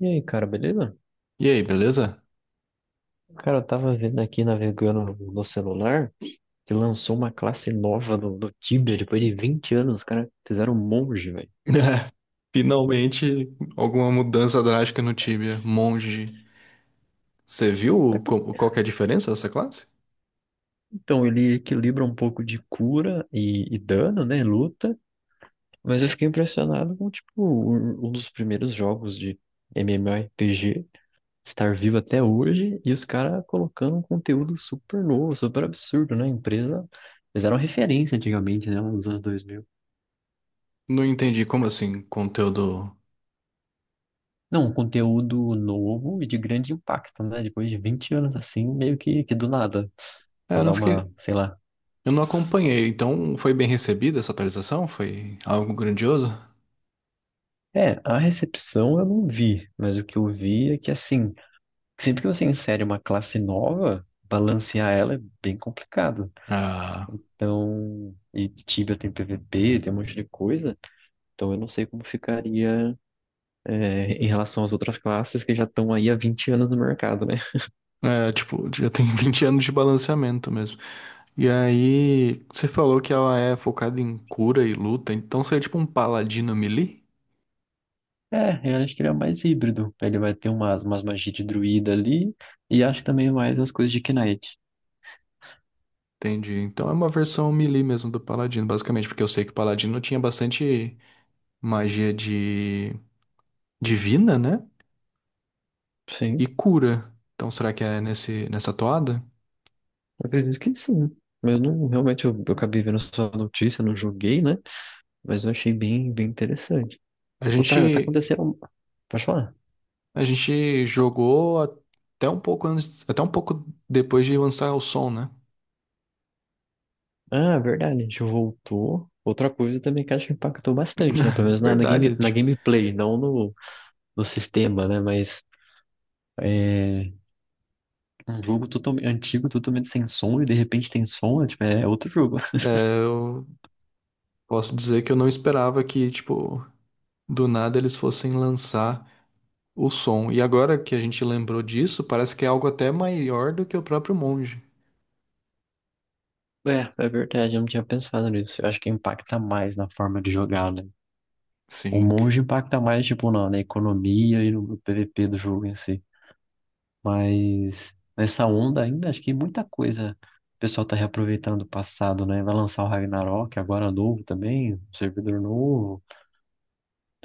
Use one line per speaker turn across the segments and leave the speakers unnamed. E aí, cara, beleza?
E aí, beleza?
Cara, eu tava vendo aqui, navegando no celular, que lançou uma classe nova do Tibia, depois de 20 anos, os caras fizeram um monge, velho.
Finalmente, alguma mudança drástica no Tibia. Monge. Você viu
Mas, por-
qual que é a diferença dessa classe?
Então, ele equilibra um pouco de cura e dano, né, luta, mas eu fiquei impressionado com, tipo, um dos primeiros jogos de MMORPG estar vivo até hoje, e os caras colocando um conteúdo super novo, super absurdo, né, a empresa... Fizeram referência antigamente, né, nos anos dois mil.
Não entendi como assim, conteúdo.
Não, um conteúdo novo e de grande impacto, né? Depois de 20 anos assim, meio que do nada,
É,
pra
eu não
dar
fiquei.
uma, sei lá.
Eu não acompanhei, então foi bem recebida essa atualização? Foi algo grandioso?
É, a recepção eu não vi, mas o que eu vi é que assim, sempre que você insere uma classe nova, balancear ela é bem complicado.
Ah,
Então, e Tibia tem PVP, tem um monte de coisa, então eu não sei como ficaria, é, em relação às outras classes que já estão aí há 20 anos no mercado, né?
é, tipo, já tem 20 anos de balanceamento mesmo. E aí, você falou que ela é focada em cura e luta, então seria tipo um paladino melee?
É, eu acho que ele é mais híbrido. Ele vai ter umas, umas magias de druida ali e acho também mais as coisas de Knight.
Entendi. Então é uma versão melee mesmo do Paladino, basicamente, porque eu sei que o Paladino tinha bastante magia de divina, né? E
Sim,
cura. Então será que é nesse nessa toada?
eu acredito que sim. Eu não, realmente, eu acabei vendo só a notícia, não joguei, né? Mas eu achei bem, bem interessante.
A
Outra, tá
gente
acontecendo... Pode falar?
a gente jogou até um pouco antes, até um pouco depois de lançar o som, né?
Ah, verdade, a gente voltou. Outra coisa também que acho que impactou bastante, né? Pelo menos na, na
Verdade,
game, na
tipo,
gameplay, não no, no sistema, né? Mas é, um jogo totalmente antigo, totalmente sem som, e de repente tem som, é, tipo, é outro jogo.
é, eu posso dizer que eu não esperava que, tipo, do nada eles fossem lançar o som. E agora que a gente lembrou disso, parece que é algo até maior do que o próprio monge.
É, é verdade, eu não tinha pensado nisso. Eu acho que impacta mais na forma de jogar, né? O
Sim.
monge impacta mais, tipo, na, na economia e no PVP do jogo em si. Mas nessa onda ainda, acho que muita coisa o pessoal tá reaproveitando do passado, né? Vai lançar o Ragnarok, agora novo também, um servidor novo.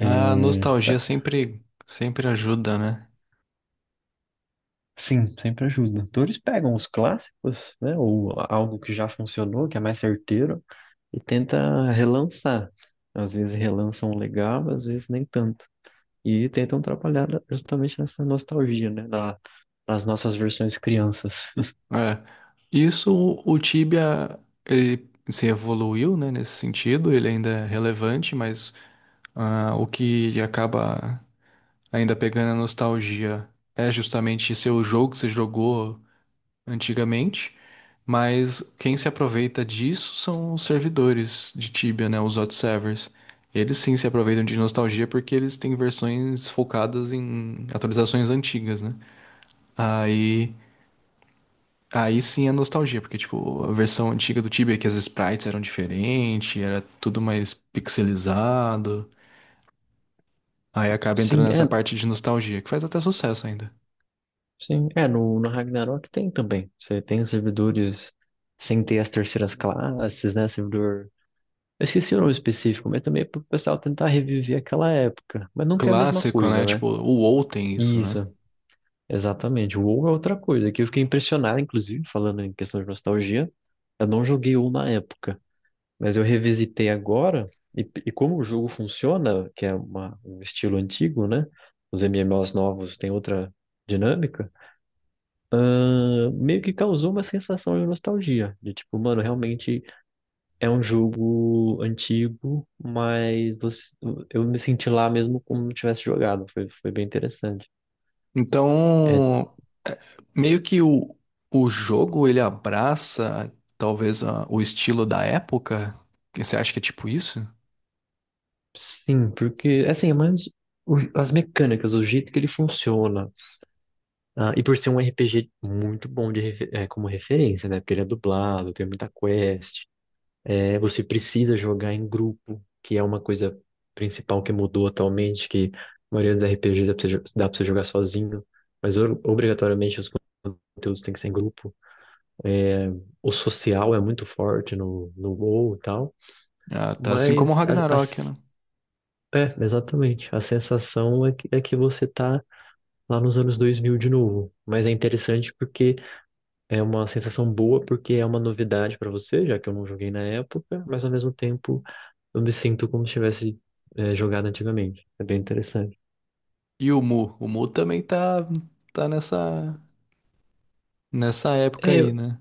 A nostalgia
tá-
sempre, sempre ajuda, né?
Sim, sempre ajuda. Então eles pegam os clássicos, né? Ou algo que já funcionou, que é mais certeiro, e tenta relançar. Às vezes relançam legal, às vezes nem tanto. E tentam trabalhar justamente nessa nostalgia, né? Da, das nossas versões crianças.
É. Isso, o Tibia, ele se evoluiu, né, nesse sentido, ele ainda é relevante, mas ah, o que acaba ainda pegando a nostalgia é justamente seu jogo que você jogou antigamente, mas quem se aproveita disso são os servidores de Tibia, né, os hot servers. Eles sim se aproveitam de nostalgia porque eles têm versões focadas em atualizações antigas, né? Aí, aí sim é nostalgia, porque tipo, a versão antiga do Tibia que as sprites eram diferentes, era tudo mais pixelizado. Aí acaba
Sim,
entrando nessa
é.
parte de nostalgia, que faz até sucesso ainda.
Sim, é. No, no Ragnarok tem também. Você tem os servidores sem ter as terceiras classes, né? Servidor. Eu esqueci o nome específico, mas também é pro pessoal tentar reviver aquela época. Mas nunca é a mesma
Clássico, né?
coisa, né?
Tipo, o WoW tem isso, né?
Isso, exatamente. O WoW é outra coisa, que eu fiquei impressionado, inclusive, falando em questão de nostalgia. Eu não joguei WoW na época. Mas eu revisitei agora, e como o jogo funciona, que é uma- um estilo antigo, né? Os MMOs novos têm outra dinâmica, meio que causou uma sensação de nostalgia. De tipo, mano, realmente é um jogo antigo, mas você- eu me senti lá mesmo como se tivesse jogado. Foi, foi bem interessante. É,
Então, meio que o jogo ele abraça talvez o estilo da época. Que você acha que é tipo isso?
sim, porque, assim, é mais o- as mecânicas, o jeito que ele funciona. Ah, e por ser um RPG muito bom de, refe- como referência, né? Porque ele é dublado, tem muita quest. É, você precisa jogar em grupo, que é uma coisa principal que mudou atualmente, que a maioria dos RPGs dá pra você, jo- dá pra você jogar sozinho, mas o- obrigatoriamente os conteúdos têm que ser em grupo. É, o social é muito forte no, no WoW e tal,
Ah, tá assim como o
mas a-
Ragnarok,
as-
né?
é, exatamente. A sensação é que você tá lá nos anos 2000 de novo. Mas é interessante porque é uma sensação boa porque é uma novidade pra você, já que eu não joguei na época, mas ao mesmo tempo eu me sinto como se tivesse é, jogado antigamente. É bem interessante.
E o Mu também tá tá nessa nessa época
É,
aí,
eu-
né?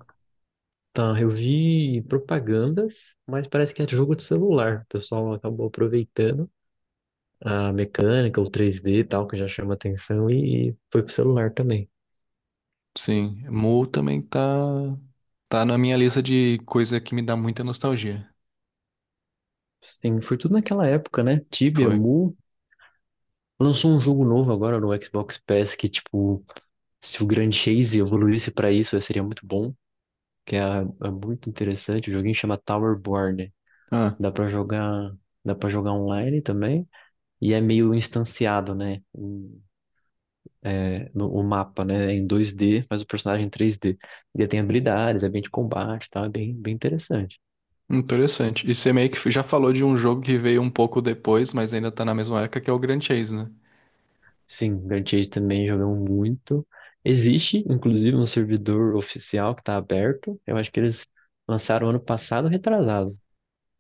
tá, eu vi propagandas, mas parece que é de jogo de celular. O pessoal acabou aproveitando a mecânica, o 3D e tal, que já chama atenção, e foi pro celular também.
Sim, Mu também tá, tá na minha lista de coisa que me dá muita nostalgia.
Sim, foi tudo naquela época, né? Tibia,
Foi.
Mu. Lançou um jogo novo agora no Xbox Pass que, tipo, se o Grand Chase evoluísse pra isso, seria muito bom. Que é, é muito interessante. O joguinho chama Towerborn.
Ah,
Dá pra jogar, dá para jogar online também. E é meio instanciado, né? O- é, no, o mapa, né? É em 2D, mas o personagem é em 3D. Ele tem habilidades, é bem de combate, e tal. É bem, bem interessante.
interessante. E você meio que já falou de um jogo que veio um pouco depois, mas ainda tá na mesma época, que é o Grand Chase, né?
Sim, Grand Chase também jogamos muito. Existe, inclusive, um servidor oficial que está aberto. Eu acho que eles lançaram ano passado, retrasado.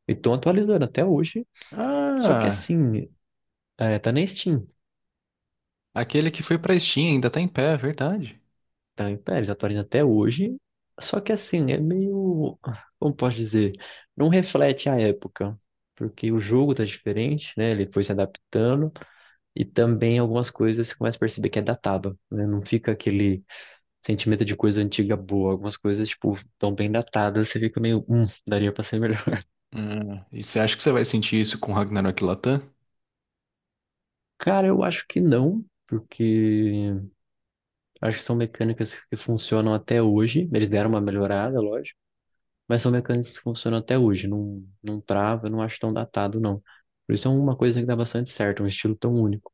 E estão atualizando até hoje. Só que
Ah,
assim, é, tá na Steam.
aquele que foi pra Steam ainda tá em pé, é verdade.
Tá, então, eles atualizam até hoje. Só que assim, é meio, como posso dizer, não reflete a época, porque o jogo tá diferente, né? Ele foi se adaptando e também algumas coisas você começa a perceber que é datado, né? Não fica aquele sentimento de coisa antiga boa. Algumas coisas, tipo, tão bem datadas, você fica meio, daria pra ser melhor.
Ah, e você acha que você vai sentir isso com Ragnarok Latam?
Cara, eu acho que não. Porque acho que são mecânicas que funcionam até hoje. Eles deram uma melhorada, lógico. Mas são mecânicas que funcionam até hoje, não, não trava, eu não acho tão datado, não. Por isso é uma coisa que dá bastante certo, um estilo tão único.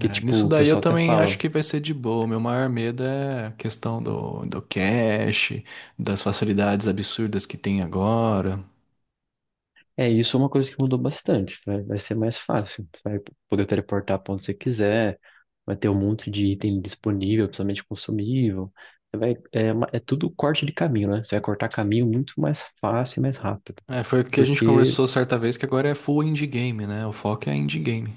Que, tipo,
nisso
o
daí eu
pessoal até
também acho
fala,
que vai ser de boa. Meu maior medo é a questão do, do cache, das facilidades absurdas que tem agora.
é, isso é uma coisa que mudou bastante, vai vai ser mais fácil, você vai poder teleportar pra onde você quiser, vai ter um monte de item disponível, principalmente consumível. Você vai, é, uma- é tudo corte de caminho, né? Você vai cortar caminho muito mais fácil e mais rápido.
É, foi o que a gente
Porque
conversou certa vez, que agora é full indie game, né? O foco é indie game.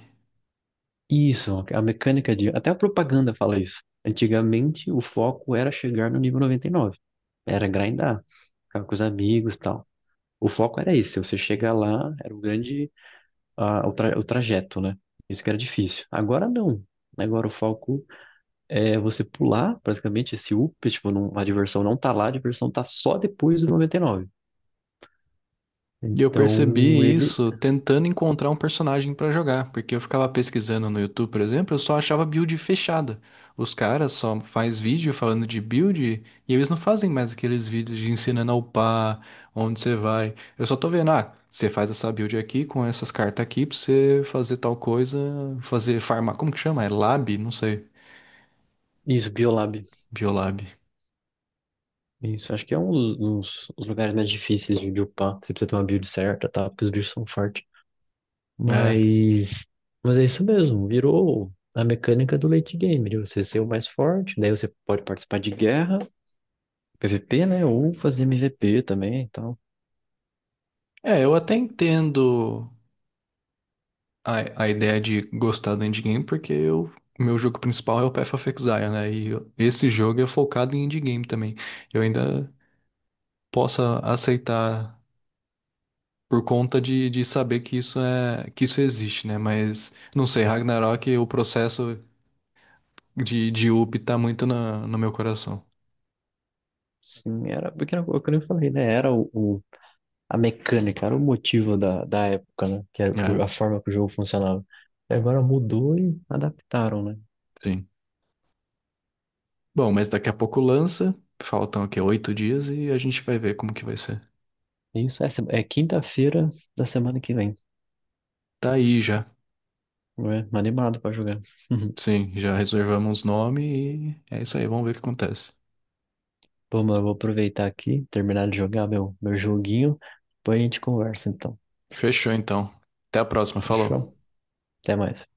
isso, a mecânica de. Até a propaganda fala isso. Antigamente, o foco era chegar no nível 99. Era grindar, ficar com os amigos e tal. O foco era isso. Se você chegar lá, era o grande. Ah, o, tra- o trajeto, né? Isso que era difícil. Agora não. Agora o foco é você pular, praticamente, esse up. Tipo, não, a diversão não tá lá, a diversão tá só depois do 99.
E eu
Então,
percebi
ele.
isso tentando encontrar um personagem pra jogar, porque eu ficava pesquisando no YouTube, por exemplo, eu só achava build fechada. Os caras só faz vídeo falando de build e eles não fazem mais aqueles vídeos de ensinando a upar, onde você vai. Eu só tô vendo, ah, você faz essa build aqui com essas cartas aqui pra você fazer tal coisa, fazer farmar, como que chama? É lab? Não sei.
Isso, Biolab.
Biolab.
Isso, acho que é um dos, dos- dos lugares mais difíceis de upar. Você precisa ter uma build certa, tá? Porque os bichos são fortes.
É.
Mas, mas é isso mesmo, virou a mecânica do late game, de você ser o mais forte, daí você pode participar de guerra, PVP, né? Ou fazer MVP também e tal.
É, eu até entendo a, a ideia de gostar do indie game porque eu, o meu jogo principal é o Path of Exile, né? Esse jogo é focado em indie game também. Eu ainda posso aceitar por conta de saber que isso é que isso existe, né? Mas não sei, Ragnarok, o processo de up tá muito na, no meu coração.
Sim, era, porque era o que eu falei, né? Era o- a mecânica, era o motivo da, da época, né? Que era o-
É,
a forma que o jogo funcionava. E agora mudou e adaptaram, né?
sim. Bom, mas daqui a pouco lança. Faltam aqui 8 dias e a gente vai ver como que vai ser.
Isso, essa é quinta-feira da semana que vem.
Tá aí já.
É, animado pra jogar.
Sim, já reservamos nome e é isso aí, vamos ver o que acontece.
Pô, mano, eu vou aproveitar aqui, terminar de jogar meu, meu joguinho. Depois a gente conversa, então.
Fechou então. Até a próxima. Falou.
Fechou? Até mais.